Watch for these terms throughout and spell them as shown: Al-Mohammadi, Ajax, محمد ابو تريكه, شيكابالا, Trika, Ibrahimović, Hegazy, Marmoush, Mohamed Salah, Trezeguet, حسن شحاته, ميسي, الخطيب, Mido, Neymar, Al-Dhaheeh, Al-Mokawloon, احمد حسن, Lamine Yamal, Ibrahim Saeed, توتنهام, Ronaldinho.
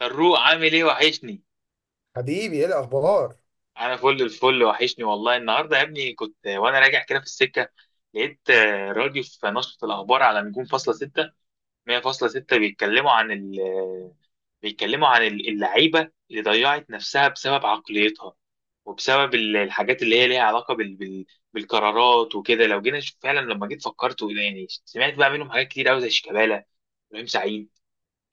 فاروق، عامل ايه؟ وحشني. حبيبي، ايه الاخبار؟ انا فل الفل. وحشني والله. النهارده يا ابني كنت وانا راجع كده في السكه لقيت راديو في نشرة الاخبار على نجوم فاصلة ستة مية فاصلة ستة. بيتكلموا عن اللعيبه اللي ضيعت نفسها بسبب عقليتها، وبسبب الحاجات اللي هي ليها علاقه بالقرارات وكده. لو جينا نشوف فعلا، لما جيت فكرت وإيه يعني، سمعت بقى منهم حاجات كتير قوي زي شيكابالا، ابراهيم سعيد،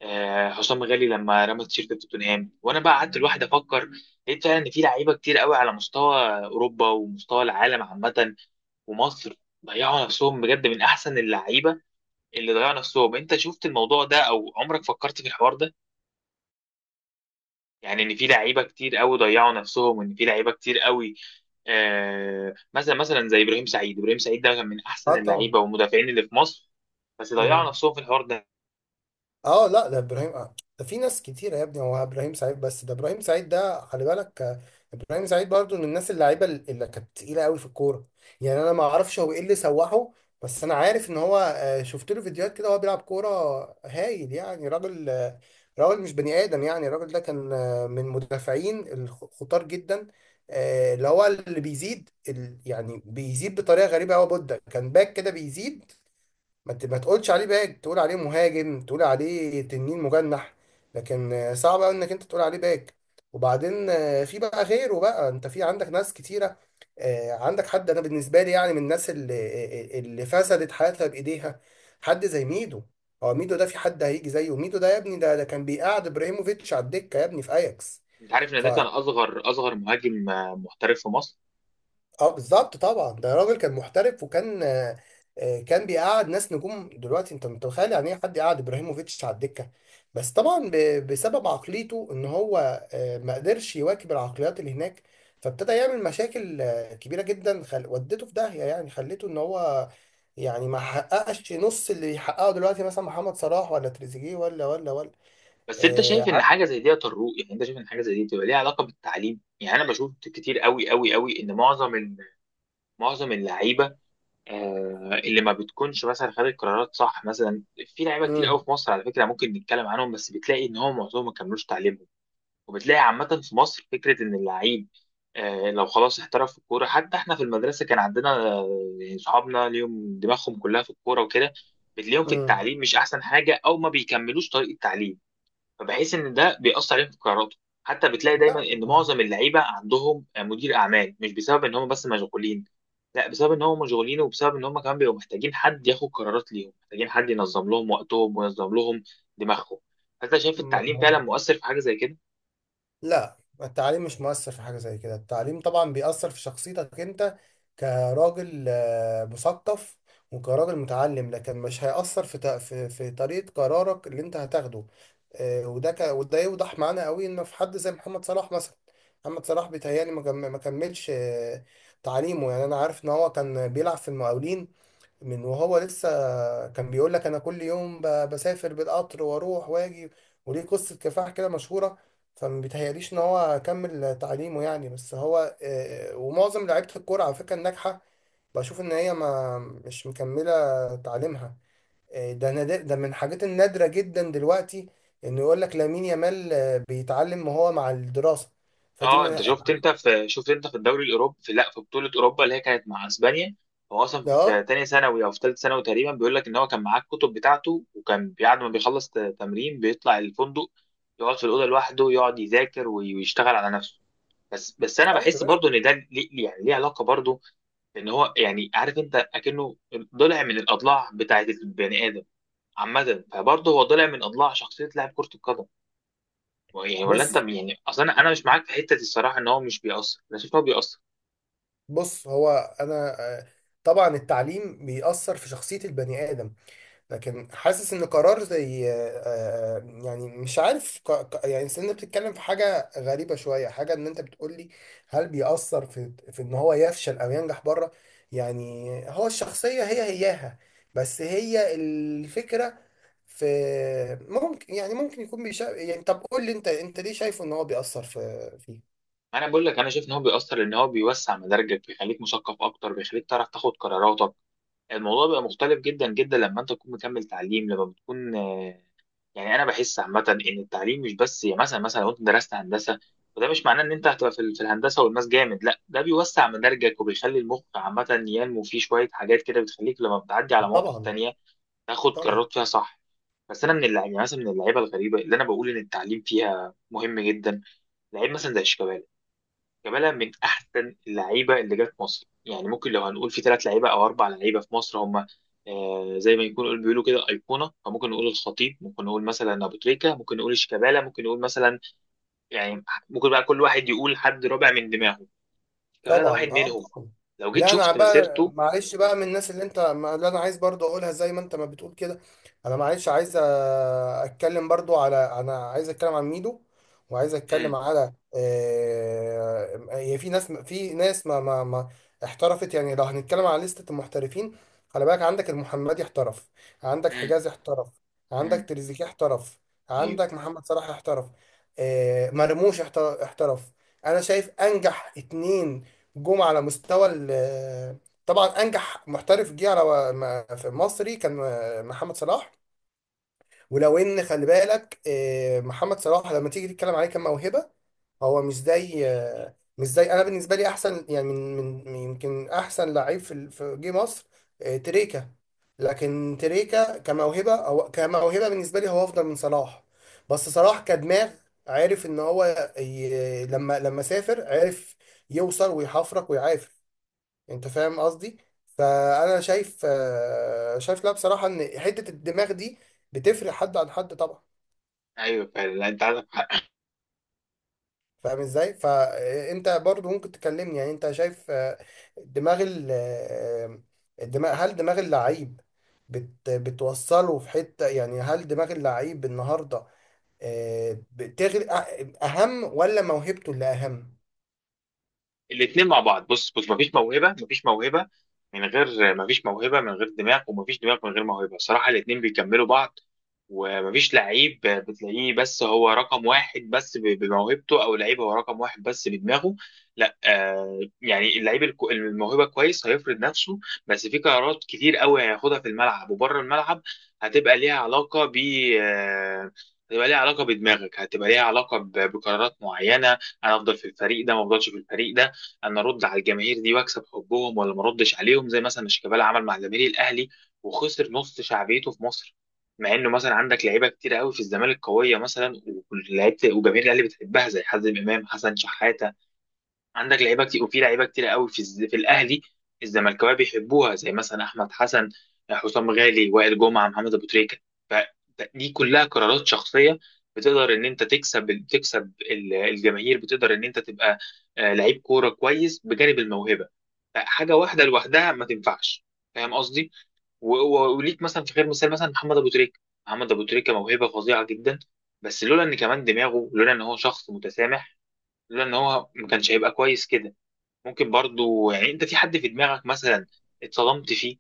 حسام غالي لما رمى التيشيرت في توتنهام. وانا بقى قعدت لوحدي افكر، لقيت فعلا ان في لعيبه كتير قوي على مستوى اوروبا ومستوى العالم عامه ومصر ضيعوا نفسهم بجد، من احسن اللعيبه اللي ضيعوا نفسهم. انت شفت الموضوع ده او عمرك فكرت في الحوار ده؟ يعني ان في لعيبه كتير قوي ضيعوا نفسهم، وان في لعيبه كتير قوي، مثلا زي ابراهيم سعيد ده كان من احسن اه طبعا. اللعيبه والمدافعين اللي في مصر، بس ضيعوا مم. نفسهم في الحوار ده. اه، لا، ده ابراهيم. ده في ناس كتيره يا ابني، هو ابراهيم سعيد. بس ده ابراهيم سعيد، ده خلي بالك. ابراهيم سعيد برضو من الناس اللعيبه اللي كانت تقيله قوي في الكوره. يعني انا ما اعرفش هو ايه اللي سوحه، بس انا عارف ان هو شفت له فيديوهات كده وهو بيلعب كوره هايل. يعني راجل، راجل مش بني ادم. يعني الراجل ده كان من مدافعين الخطار جدا. اللي هو اللي بيزيد يعني بيزيد بطريقه غريبه قوي. بودة كان باك كده بيزيد، ما تقولش عليه باك، تقول عليه مهاجم، تقول عليه تنين مجنح، لكن صعب قوي انك انت تقول عليه باك. وبعدين في بقى غيره. بقى انت في عندك ناس كتيره، عندك حد. انا بالنسبه لي يعني من الناس اللي فسدت حياتها بايديها، حد زي ميدو. هو ميدو ده في حد هيجي زيه؟ ميدو ده يا ابني، ده كان بيقعد ابراهيموفيتش على الدكه يا ابني في اياكس. انت عارف ان ف ده كان اصغر مهاجم محترف في مصر. اه بالظبط، طبعا. ده راجل كان محترف، وكان، كان بيقعد ناس نجوم دلوقتي. انت متخيل يعني ايه حد يقعد ابراهيموفيتش على الدكه؟ بس طبعا بسبب عقليته، ان هو ما قدرش يواكب العقليات اللي هناك. فابتدى يعمل مشاكل كبيره جدا. ودته في داهيه، يعني خليته ان هو، يعني ما حققش نص اللي يحققه دلوقتي مثلا محمد صلاح ولا تريزيجيه ولا ولا ولا. بس انت آه، شايف ان ع- حاجه زي دي تروق؟ يعني انت شايف ان حاجه زي دي بتبقى ليها علاقه بالتعليم؟ يعني انا بشوف كتير قوي قوي قوي ان معظم معظم اللعيبه، اللي ما بتكونش مثلا خدت قرارات صح مثلا. في لعيبه كتير مم، قوي في مصر على فكره ممكن نتكلم عنهم، بس بتلاقي ان هم معظمهم ما كملوش تعليمهم. وبتلاقي عامه في مصر فكره ان اللعيب لو خلاص احترف في الكوره. حتى احنا في المدرسه كان عندنا، يعني صحابنا ليهم دماغهم كلها في الكوره وكده، بتلاقيهم في مم. التعليم مش احسن حاجه او ما بيكملوش طريق التعليم. فبحس ان ده بيأثر عليهم في قراراته. حتى بتلاقي لا، دايما ان معظم اللعيبه عندهم مدير اعمال، مش بسبب ان هم بس مشغولين. لا، بسبب ان هم مشغولين، وبسبب ان هم كمان بيبقوا محتاجين حد ياخد قرارات ليهم، محتاجين حد ينظم لهم وقتهم وينظم لهم دماغهم. فانت شايف ما التعليم هو فعلا مؤثر في حاجه زي كده؟ لا، التعليم مش مؤثر في حاجة زي كده. التعليم طبعا بيأثر في شخصيتك انت كراجل مثقف، وكراجل متعلم، لكن مش هيأثر في طريقة قرارك اللي انت هتاخده. وده يوضح معانا قوي انه في حد زي محمد صلاح مثلا. محمد صلاح بيتهيألي ما كملش تعليمه. يعني انا عارف ان هو كان بيلعب في المقاولين من وهو لسه. كان بيقول لك انا كل يوم بسافر بالقطر واروح واجي، وليه قصة كفاح كده مشهورة. فما بيتهيأليش ان هو كمل تعليمه يعني. بس هو ومعظم لعيبة الكورة على فكرة الناجحة، بشوف ان هي ما مش مكملة تعليمها. ده نادر، ده من الحاجات النادرة جدا دلوقتي، انه يقول لك لامين يامال بيتعلم وهو مع الدراسة. فدي اه. انت من. شفت، انت في الدوري الاوروبي، في، لا، في بطوله اوروبا اللي هي كانت مع اسبانيا، هو اصلا اه، في تانية ثانوي او في ثالثه ثانوي تقريبا، بيقول لك ان هو كان معاه الكتب بتاعته، وكان بعد ما بيخلص تمرين بيطلع الفندق يقعد في الاوضه لوحده، يقعد يذاكر ويشتغل على نفسه. بس انا طيب يا بحس باشا. برضو ان ده ليه يعني ليه علاقه برضو. ان هو يعني، عارف انت، اكنه ضلع من الاضلاع بتاعت البني ادم عامه، فبرضه هو ضلع من اضلاع شخصيه لاعب كره القدم. يعني ولا انت بص يعني، اصلا أنا مش معاك في حته الصراحه ان هو مش بيأثر. انا شايف ان هو بيأثر. بص، هو انا، طبعا التعليم بيأثر في شخصية البني آدم، لكن حاسس ان قرار زي، يعني مش عارف. يعني أصل انت بتتكلم في حاجة غريبة شوية. حاجة ان انت بتقول لي هل بيأثر في ان هو يفشل او ينجح بره؟ يعني هو الشخصية هي هياها، بس هي الفكرة في. ممكن، يعني ممكن يكون يعني طب قول لي، انت ليه شايفه ان هو بيأثر فيه؟ انا بقول لك، انا شايف ان هو بيأثر لان هو بيوسع مداركك، بيخليك مثقف اكتر، بيخليك تعرف تاخد قراراتك. الموضوع بقى مختلف جدا جدا لما انت تكون مكمل تعليم، لما بتكون يعني انا بحس عامه ان التعليم مش بس، يعني مثلا لو انت درست هندسه، وده مش معناه ان انت هتبقى في في الهندسه والماس جامد. لا، ده بيوسع مداركك وبيخلي المخ عامه ينمو فيه شويه حاجات كده، بتخليك لما بتعدي على مواقف طبعا. تانية تاخد طبعا. قرارات فيها صح. بس انا من اللعيبه، يعني مثلا من اللعيبه الغريبه اللي انا بقول ان التعليم فيها مهم جدا، لعيب مثلا زي شيكابالا. شيكابالا من احسن اللعيبه اللي جت مصر. يعني ممكن لو هنقول في ثلاث لعيبه او اربع لعيبه في مصر هم زي ما يكون بيقولوا كده ايقونه، فممكن نقول الخطيب، ممكن نقول مثلا ابو تريكه، ممكن نقول شيكابالا، ممكن نقول مثلا، يعني ممكن بقى كل واحد يقول حد رابع من دماغه. شيكابالا ده واحد طبعا. اه منهم. طبعا. لو جيت لا، انا شفت بقى مسيرته. معلش بقى من الناس اللي انت ما- اللي انا عايز برضو اقولها، زي ما انت ما بتقول كده. انا معلش عايز اتكلم برضو على، انا عايز اتكلم عن ميدو، وعايز اتكلم امم. على، هي في ناس، ما احترفت. يعني لو هنتكلم على لستة المحترفين، خلي بالك عندك المحمدي احترف، عندك امم. حجازي احترف، عندك امم. تريزيجيه احترف، ايوه، عندك محمد صلاح احترف، مرموش احترف. انا شايف انجح اتنين جم على مستوى طبعا انجح محترف جه على، في مصري كان محمد صلاح. ولو ان خلي بالك محمد صلاح لما تيجي تتكلم عليه كموهبه، هو مش زي، انا بالنسبه لي احسن، يعني يمكن احسن لعيب في في جه مصر، تريكا. لكن تريكا كموهبه، هو كموهبه بالنسبه لي هو افضل من صلاح، بس صلاح كدماغ، عارف ان هو لما سافر، عارف يوصل ويحفرك ويعافر. انت فاهم قصدي؟ فانا شايف، لا بصراحه، ان حته الدماغ دي بتفرق حد عن حد طبعا. ايوه فعلا. لا، انت. فاهم ازاي؟ فانت برضو ممكن تكلمني، يعني انت شايف دماغ الدماغ، هل دماغ اللعيب بتوصله في حته؟ يعني هل دماغ اللعيب النهارده اهم، ولا موهبته اللي اهم؟ الاثنين مع بعض. بص بص، مفيش موهبه من غير مفيش موهبه من غير دماغ، ومفيش دماغ من غير موهبه. الصراحه الاثنين بيكملوا بعض، ومفيش لعيب بتلاقيه بس هو رقم واحد بس بموهبته، او لعيب هو رقم واحد بس بدماغه. لا، يعني اللعيب الموهبه كويس هيفرض نفسه، بس في قرارات كتير قوي هياخدها في الملعب وبره الملعب، هتبقى ليها علاقه ب آه، هتبقى ليها علاقه بدماغك، هتبقى ليها علاقه بقرارات معينه. انا افضل في الفريق ده ما افضلش في الفريق ده. انا ارد على الجماهير دي واكسب حبهم ولا ما اردش عليهم، زي مثلا شيكابالا عمل مع جماهير الاهلي وخسر نص شعبيته في مصر. مع انه مثلا عندك لعيبه كتير قوي في الزمالك قويه مثلا، ولعيبه وجماهير الاهلي بتحبها زي حازم امام، حسن شحاته. عندك لعيبه كتير، وفي لعيبه كتير قوي في في الاهلي الزملكاويه بيحبوها، زي مثلا احمد حسن، حسام غالي، وائل جمعه، محمد ابو تريكه. فدي كلها قرارات شخصيه. بتقدر ان انت تكسب، الجماهير، بتقدر ان انت تبقى لعيب كوره كويس بجانب الموهبه. فحاجه واحده لوحدها ما تنفعش، فاهم قصدي؟ وليك مثلا في غير مثال، مثلا محمد ابو تريكه. محمد ابو تريكه موهبه فظيعه جدا، بس لولا ان كمان دماغه، لولا ان هو شخص متسامح، لولا ان هو، ما كانش هيبقى كويس كده. ممكن برضو، يعني انت في حد في دماغك مثلا اتصدمت فيه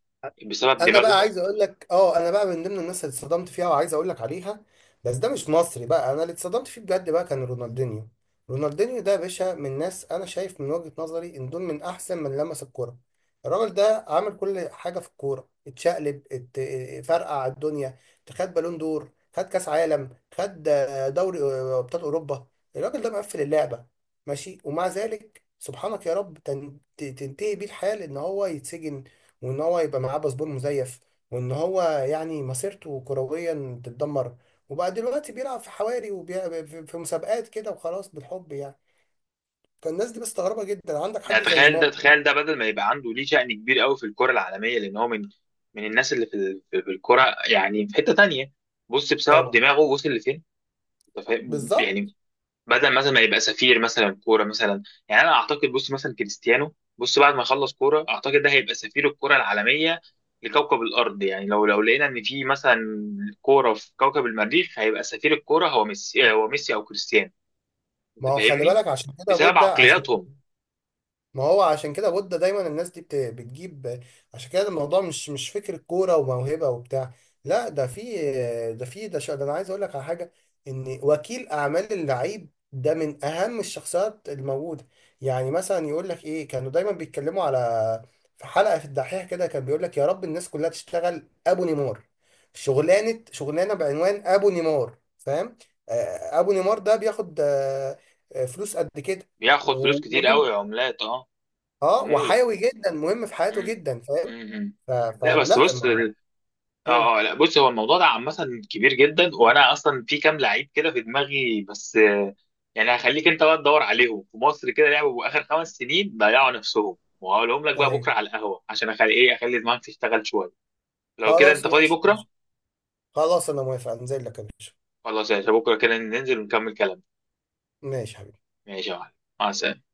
بسبب انا دماغه؟ بقى عايز اقول لك. اه، انا بقى من ضمن الناس اللي اتصدمت فيها وعايز اقول لك عليها، بس ده مش مصري بقى. انا اللي اتصدمت فيه بجد بقى كان رونالدينيو. رونالدينيو ده يا باشا، من ناس انا شايف من وجهة نظري ان دول من احسن من لمس الكوره. الراجل ده عمل كل حاجه في الكوره، اتشقلب، فرقع الدنيا، خد بالون دور، خد كاس عالم، خد دوري ابطال اوروبا. الراجل ده مقفل اللعبه. ماشي، ومع ذلك سبحانك يا رب، تنتهي بيه الحال ان هو يتسجن، وان هو يبقى معاه باسبور مزيف، وان هو يعني مسيرته كرويا تتدمر، وبقى دلوقتي بيلعب في حواري في مسابقات كده، وخلاص، بالحب يعني. فالناس دي مستغربة جدا. عندك يعني حد زي تخيل ده، نيمار. تخيل ده، بدل ما يبقى عنده ليه شأن كبير قوي في الكرة العالمية، لان هو من الناس اللي في في الكرة، يعني في حتة تانية. بص بسبب طبعا. دماغه وصل لفين. أنت فاهم؟ بالظبط. يعني بدل مثلا ما يبقى سفير مثلا كوره مثلا. يعني انا اعتقد، بص مثلا كريستيانو بص، بعد ما يخلص كوره اعتقد ده هيبقى سفير الكوره العالميه لكوكب الارض. يعني لو لقينا ان في مثلا كوره في كوكب المريخ، هيبقى سفير الكوره هو ميسي او كريستيانو. انت ما هو خلي فاهمني؟ بالك عشان كده بسبب بودة عشان، عقلياتهم. ما هو عشان كده بودة دايما الناس دي بتجيب. عشان كده الموضوع مش فكرة كورة وموهبة وبتاع، لا. ده في، ده انا عايز اقول لك على حاجة، ان وكيل اعمال اللعيب ده من اهم الشخصيات الموجودة. يعني مثلا يقول لك ايه، كانوا دايما بيتكلموا على، في حلقة في الدحيح كده كان بيقول لك يا رب الناس كلها تشتغل ابو نيمار. شغلانة شغلانة بعنوان ابو نيمار، فاهم؟ ابو نيمار ده بياخد، فلوس قد كده. بياخد فلوس كتير ومهم، قوي، عملات. اه. اه، عموله. وحيوي جدا، مهم في حياته امم. جدا، فاهم؟ امم. ف... لا بس فلا بص. ما مم. اه، اه، لا بص، هو الموضوع ده عامة كبير جدا. وانا اصلا في كام لعيب كده في دماغي، بس يعني هخليك انت بقى تدور عليهم في مصر كده، لعبوا اخر 5 سنين ضيعوا نفسهم، وهقولهم لك بقى ايوه. بكره على القهوة، عشان اخلي ايه، اخلي دماغك تشتغل شوية. لو كده انت خلاص، فاضي ماشي يا بكره. باشا. خلاص انا موافق، انزل لك يا باشا. خلاص يا باشا، بكره كده ننزل ونكمل كلام. ماشي يا حبيبي. ماشي يا معلم. مع السلامة.